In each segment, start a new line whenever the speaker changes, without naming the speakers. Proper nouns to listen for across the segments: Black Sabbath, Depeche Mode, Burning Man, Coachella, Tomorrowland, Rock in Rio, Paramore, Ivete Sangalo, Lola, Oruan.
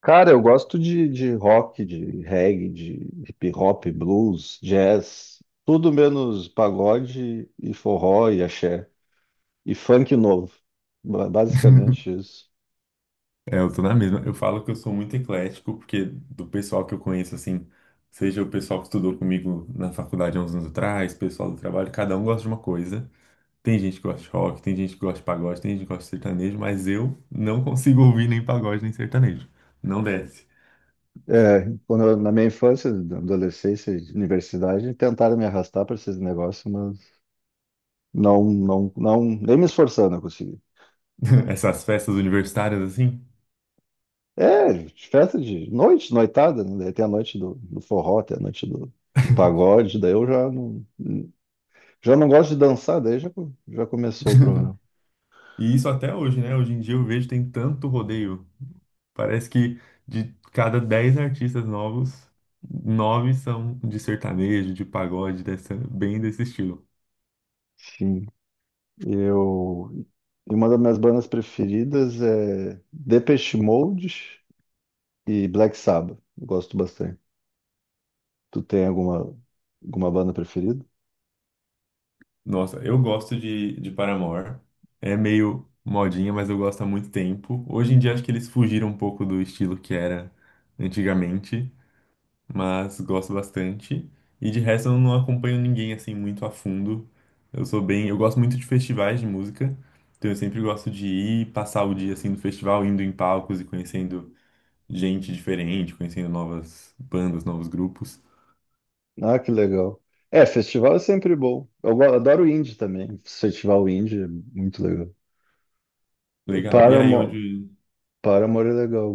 Cara, eu gosto de rock, de reggae, de hip hop, blues, jazz, tudo menos pagode e forró e axé e funk novo. Basicamente isso.
É, eu tô na mesma. Eu falo que eu sou muito eclético, porque do pessoal que eu conheço, assim, seja o pessoal que estudou comigo na faculdade há uns anos atrás, pessoal do trabalho, cada um gosta de uma coisa. Tem gente que gosta de rock, tem gente que gosta de pagode, tem gente que gosta de sertanejo, mas eu não consigo ouvir nem pagode nem sertanejo. Não desce.
É, quando na minha infância, na adolescência, e universidade, tentaram me arrastar para esses negócios, mas não, não, não, nem me esforçando eu consegui.
Essas festas universitárias, assim.
É, de festa de noite, noitada, né? Daí tem a noite do forró, tem a noite do pagode, daí eu já não. Já não gosto de dançar, daí já, já começou o programa.
E isso até hoje, né? Hoje em dia eu vejo tem tanto rodeio. Parece que de cada 10 artistas novos, 9 são de sertanejo, de pagode, dessa, bem desse estilo.
Enfim, eu. E uma das minhas bandas preferidas é Depeche Mode e Black Sabbath. Eu gosto bastante. Tu tem alguma banda preferida?
Nossa, eu gosto de Paramore. É meio modinha, mas eu gosto há muito tempo. Hoje em dia acho que eles fugiram um pouco do estilo que era antigamente, mas gosto bastante. E de resto eu não acompanho ninguém assim muito a fundo. Eu sou bem, eu gosto muito de festivais de música, então eu sempre gosto de ir passar o dia assim no festival, indo em palcos e conhecendo gente diferente, conhecendo novas bandas, novos grupos.
Ah, que legal. É, festival é sempre bom. Eu adoro indie também. Festival indie é muito legal. O
Legal. E aí
Paramore,
onde.
Paramore é legal.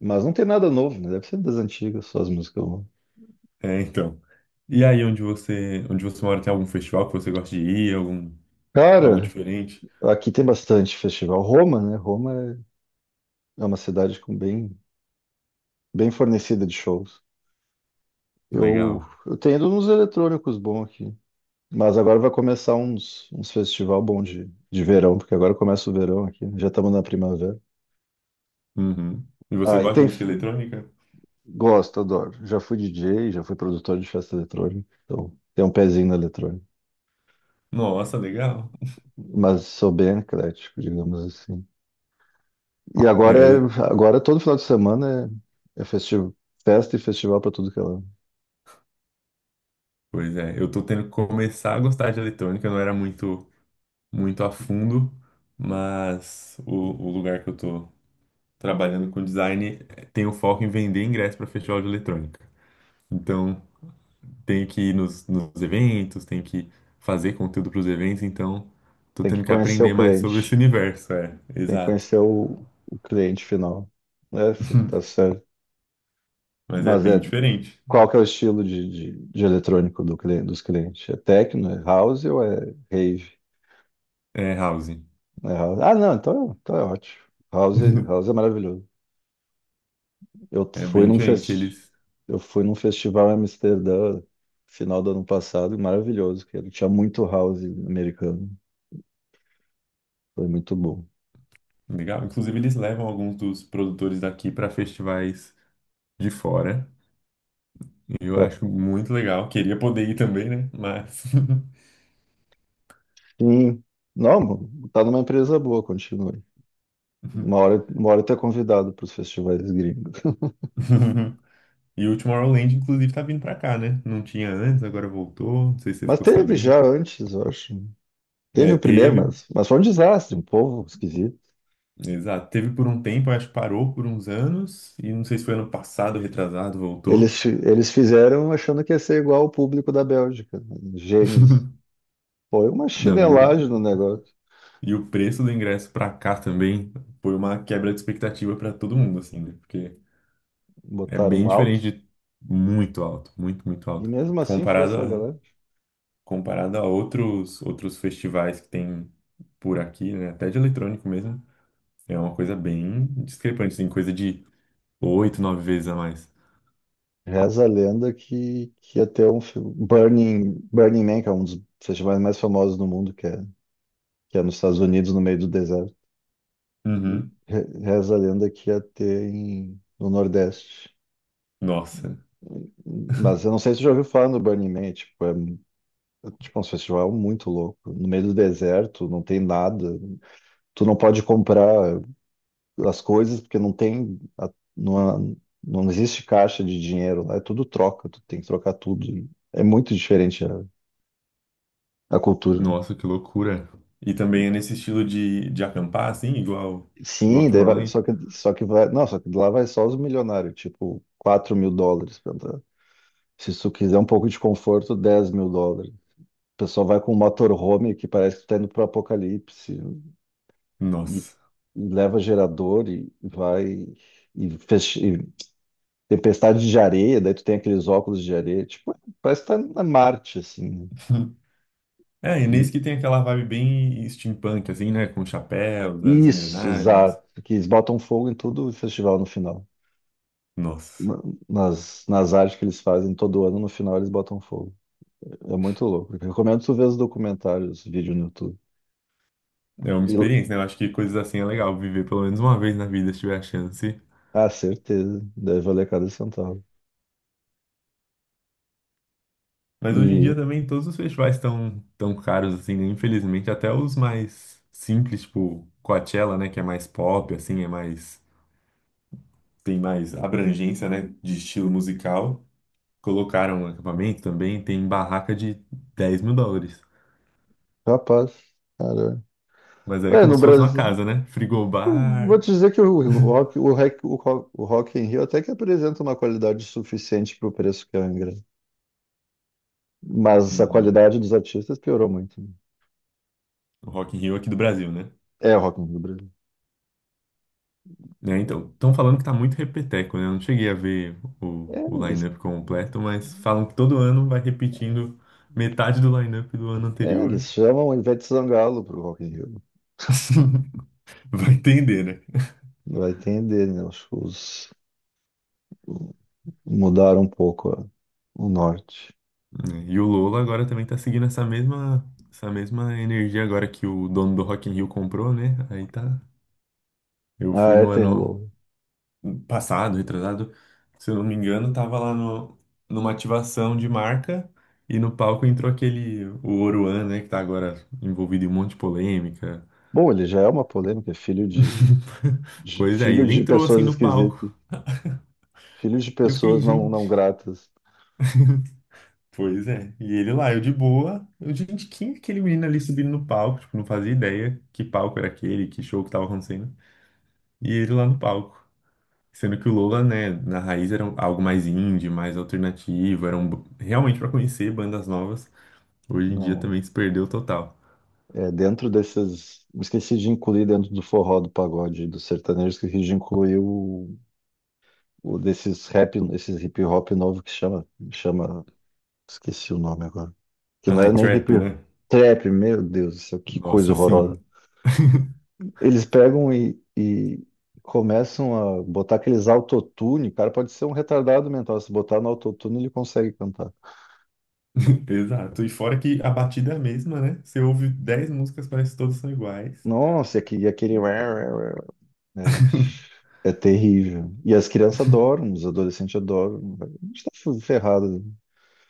Mas não tem nada novo, né? Deve ser das antigas, só as músicas novas.
É, então. E aí onde você mora, tem algum festival que você gosta de ir, algum, algo
Cara,
diferente?
aqui tem bastante festival. Roma, né? Roma é uma cidade com bem fornecida de shows. Eu,
Legal.
eu tenho ido nos eletrônicos bons aqui. Mas agora vai começar uns festival bom de verão, porque agora começa o verão aqui, né? Já estamos na primavera.
Uhum. E você
Ah, e
gosta de
tem.
música eletrônica?
Gosto, adoro. Já fui DJ, já fui produtor de festa eletrônica. Então, tem um pezinho na eletrônica.
Nossa, legal.
Mas sou bem eclético, digamos assim. E
É,
agora é,
ele-
agora todo final de semana é festivo, festa e festival para tudo que é lá.
Pois é, eu tô tendo que começar a gostar de eletrônica, eu não era muito, muito a fundo, mas o lugar que eu tô trabalhando com design tem o foco em vender ingresso para festival de eletrônica. Então, tenho que ir nos eventos, tenho que fazer conteúdo para os eventos, então tô
Tem que
tendo que
conhecer o
aprender mais sobre esse
cliente.
universo, é,
Tem que
exato.
conhecer o cliente final. É, tá certo.
Mas é
Mas
bem
é,
diferente.
qual que é o estilo de eletrônico do cliente, dos clientes? É techno, é house ou é rave?
É, house.
É house. Ah, não, então é ótimo. House, house é maravilhoso. Eu
É
fui
bem
num
diferente.
fest...
Eles,
eu fui num festival em Amsterdã, final do ano passado, e maravilhoso, que ele tinha muito house americano. Foi muito bom.
legal. Inclusive, eles levam alguns dos produtores daqui para festivais de fora. Eu
Pra...
acho muito legal. Queria poder ir também, né? Mas.
Sim. Não, tá numa empresa boa, continue. Uma hora, uma hora tu é convidado para os festivais gringos.
E o Tomorrowland, inclusive, tá vindo pra cá, né? Não tinha antes, agora voltou. Não sei se você
Mas
ficou
teve
sabendo.
já antes, eu acho. Teve
É,
o primeiro,
teve.
mas foi um desastre, um povo esquisito.
Exato. Teve por um tempo, acho que parou por uns anos, e não sei se foi ano passado, retrasado, voltou.
Eles fizeram achando que ia ser igual o público da Bélgica, né? Gênios. Foi uma
Não,
chinelagem no negócio.
e o preço do ingresso pra cá também foi uma quebra de expectativa pra todo mundo, assim, né? Porque é
Botaram
bem
um alto.
diferente de muito alto, muito, muito
E
alto.
mesmo assim foi
Comparado
essa
a,
galera.
comparado a outros, outros festivais que tem por aqui, né? Até de eletrônico mesmo, é uma coisa bem discrepante, assim, coisa de 8, 9 vezes a mais.
Reza a lenda que ia ter um filme. Burning Man, que é um dos festivais mais famosos do mundo, que é nos Estados Unidos, no meio do deserto.
Uhum.
Reza a lenda que ia ter no Nordeste.
Nossa,
Mas eu não sei se você já ouviu falar no Burning Man, tipo, um festival muito louco. No meio do deserto, não tem nada. Tu não pode comprar as coisas porque não tem, não não existe caixa de dinheiro lá, é tudo troca, tu tem que trocar tudo. É muito diferente a cultura.
Nossa, que loucura. E também é nesse estilo de acampar, assim, igual, igual
Sim,
Tomorrowland?
só que vai, não, só que lá vai só os milionários, tipo, US$ 4.000 pra entrar. Se tu quiser um pouco de conforto, US$ 10.000. O pessoal vai com um motorhome que parece que tá indo pro apocalipse. e,
Nossa.
e leva gerador e vai e tempestade de areia, daí tu tem aqueles óculos de areia, tipo, parece que tá na Marte, assim,
É, e
né?
nesse que tem aquela vibe bem steampunk, assim, né? Com chapéus, as
Isso, exato.
engrenagens.
Que eles botam fogo em todo o festival no final.
Nossa.
Na- nas artes que eles fazem todo ano, no final eles botam fogo. É muito louco. Eu recomendo tu ver os documentários, os vídeos no YouTube.
É uma
E,
experiência, né? Eu acho que coisas assim é legal viver pelo menos uma vez na vida, se tiver a chance.
ah, certeza. Deve valer cada centavo.
Mas hoje em dia
E,
também todos os festivais estão tão tão caros, assim, né? Infelizmente, até os mais simples, tipo Coachella, né? Que é mais pop, assim, é mais... Tem mais abrangência, né? De estilo musical. Colocaram um acampamento também, tem barraca de 10 mil dólares.
Rapaz, caramba.
Mas aí é
Ué,
como
no
se fosse uma
Brasil.
casa, né?
Eu vou
Frigobar.
te dizer que o Rock, o Rock, o Rock, o Rock in Rio até que apresenta uma qualidade suficiente para o preço que é o ingresso. Mas a
Uhum.
qualidade dos artistas piorou muito.
O Rock in Rio aqui do Brasil, né?
É o Rock in Rio do Brasil.
É, então, estão falando que tá muito repeteco, né? Eu não cheguei a ver o,
É,
o
eles,
line-up completo, mas falam que todo ano vai repetindo metade do line-up do ano
é,
anterior.
eles chamam Ivete Sangalo para o Rock in Rio.
Vai entender, né?
Vai entender, né? Os shows mudaram um pouco o norte.
É, e o Lola agora também tá seguindo essa mesma energia agora que o dono do Rock in Rio comprou, né? Aí tá. Eu fui
Ah, é,
no
tem o
ano
Lobo.
passado, retrasado, se eu não me engano, tava lá no, numa ativação de marca e no palco entrou aquele, o Oruan, né, que tá agora envolvido em um monte de polêmica.
Bom, ele já é uma polêmica, é filho
Pois é, e
filho
ele
de
entrou assim
pessoas
no palco.
esquisitas, filho de
E eu fiquei,
pessoas não,
gente,
não gratas.
pois é. E ele lá, eu de boa. Eu, gente, quem é aquele menino ali subindo no palco? Tipo, não fazia ideia que palco era aquele, que show que tava acontecendo. E ele lá no palco. Sendo que o Lola, né, na raiz era um- algo mais indie, mais alternativo, era um, b- realmente para conhecer bandas novas. Hoje em dia
Não,
também se perdeu total.
é, dentro desses. Eu esqueci de incluir dentro do forró, do pagode, do sertanejo, esqueci de incluir o desses rap, esses hip hop novo que chama. Esqueci o nome agora. Que não
Ai,
é nem
trap,
hip
né?
trap, meu Deus do céu, que coisa
Nossa, sim.
horrorosa. Eles pegam e começam a botar aqueles autotune. O cara pode ser um retardado mental. Se botar no autotune, ele consegue cantar.
Exato. E fora que a batida é a mesma, né? Você ouve 10 músicas, parece que todas são iguais.
Nossa, e aquele. É, é terrível. E as crianças adoram, os adolescentes adoram. A gente tá ferrado.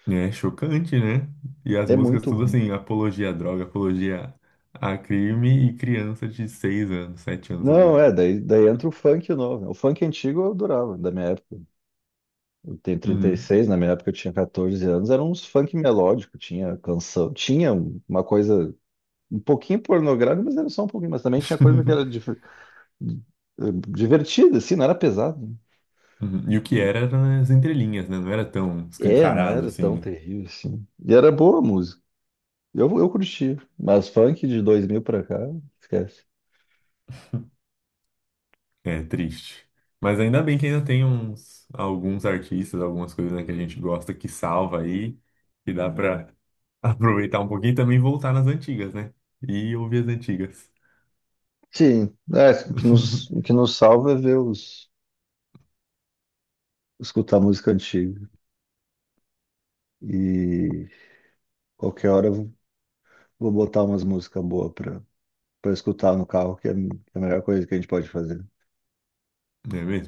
É chocante, né? E as
É
músicas
muito
tudo
ruim.
assim, apologia à droga, apologia a crime e criança de 6 anos, 7 anos
Não,
ouvindo.
é, daí entra o funk novo. O funk antigo eu adorava, da minha época. Eu tenho trinta e
Uhum.
seis na minha época eu tinha 14 anos, era uns funk melódico, tinha canção, tinha uma coisa um pouquinho pornográfica, mas era só um pouquinho, mas também tinha coisa que era divertida, assim, não era pesado.
Uhum. E o que era era nas entrelinhas, né? Não era tão
É, não
escancarado
era tão
assim.
terrível assim. E era boa a música. Eu curti, mas funk de 2000 pra cá, esquece.
É triste. Mas ainda bem que ainda tem uns alguns artistas, algumas coisas, né, que a gente gosta que salva aí, que dá pra aproveitar um pouquinho e também voltar nas antigas, né? E ouvir as antigas.
Sim, é, o que nos, o que nos salva é escutar música antiga. E qualquer hora eu vou botar umas músicas boas pra escutar no carro, que é a melhor coisa que a gente pode fazer.
Não é mesmo?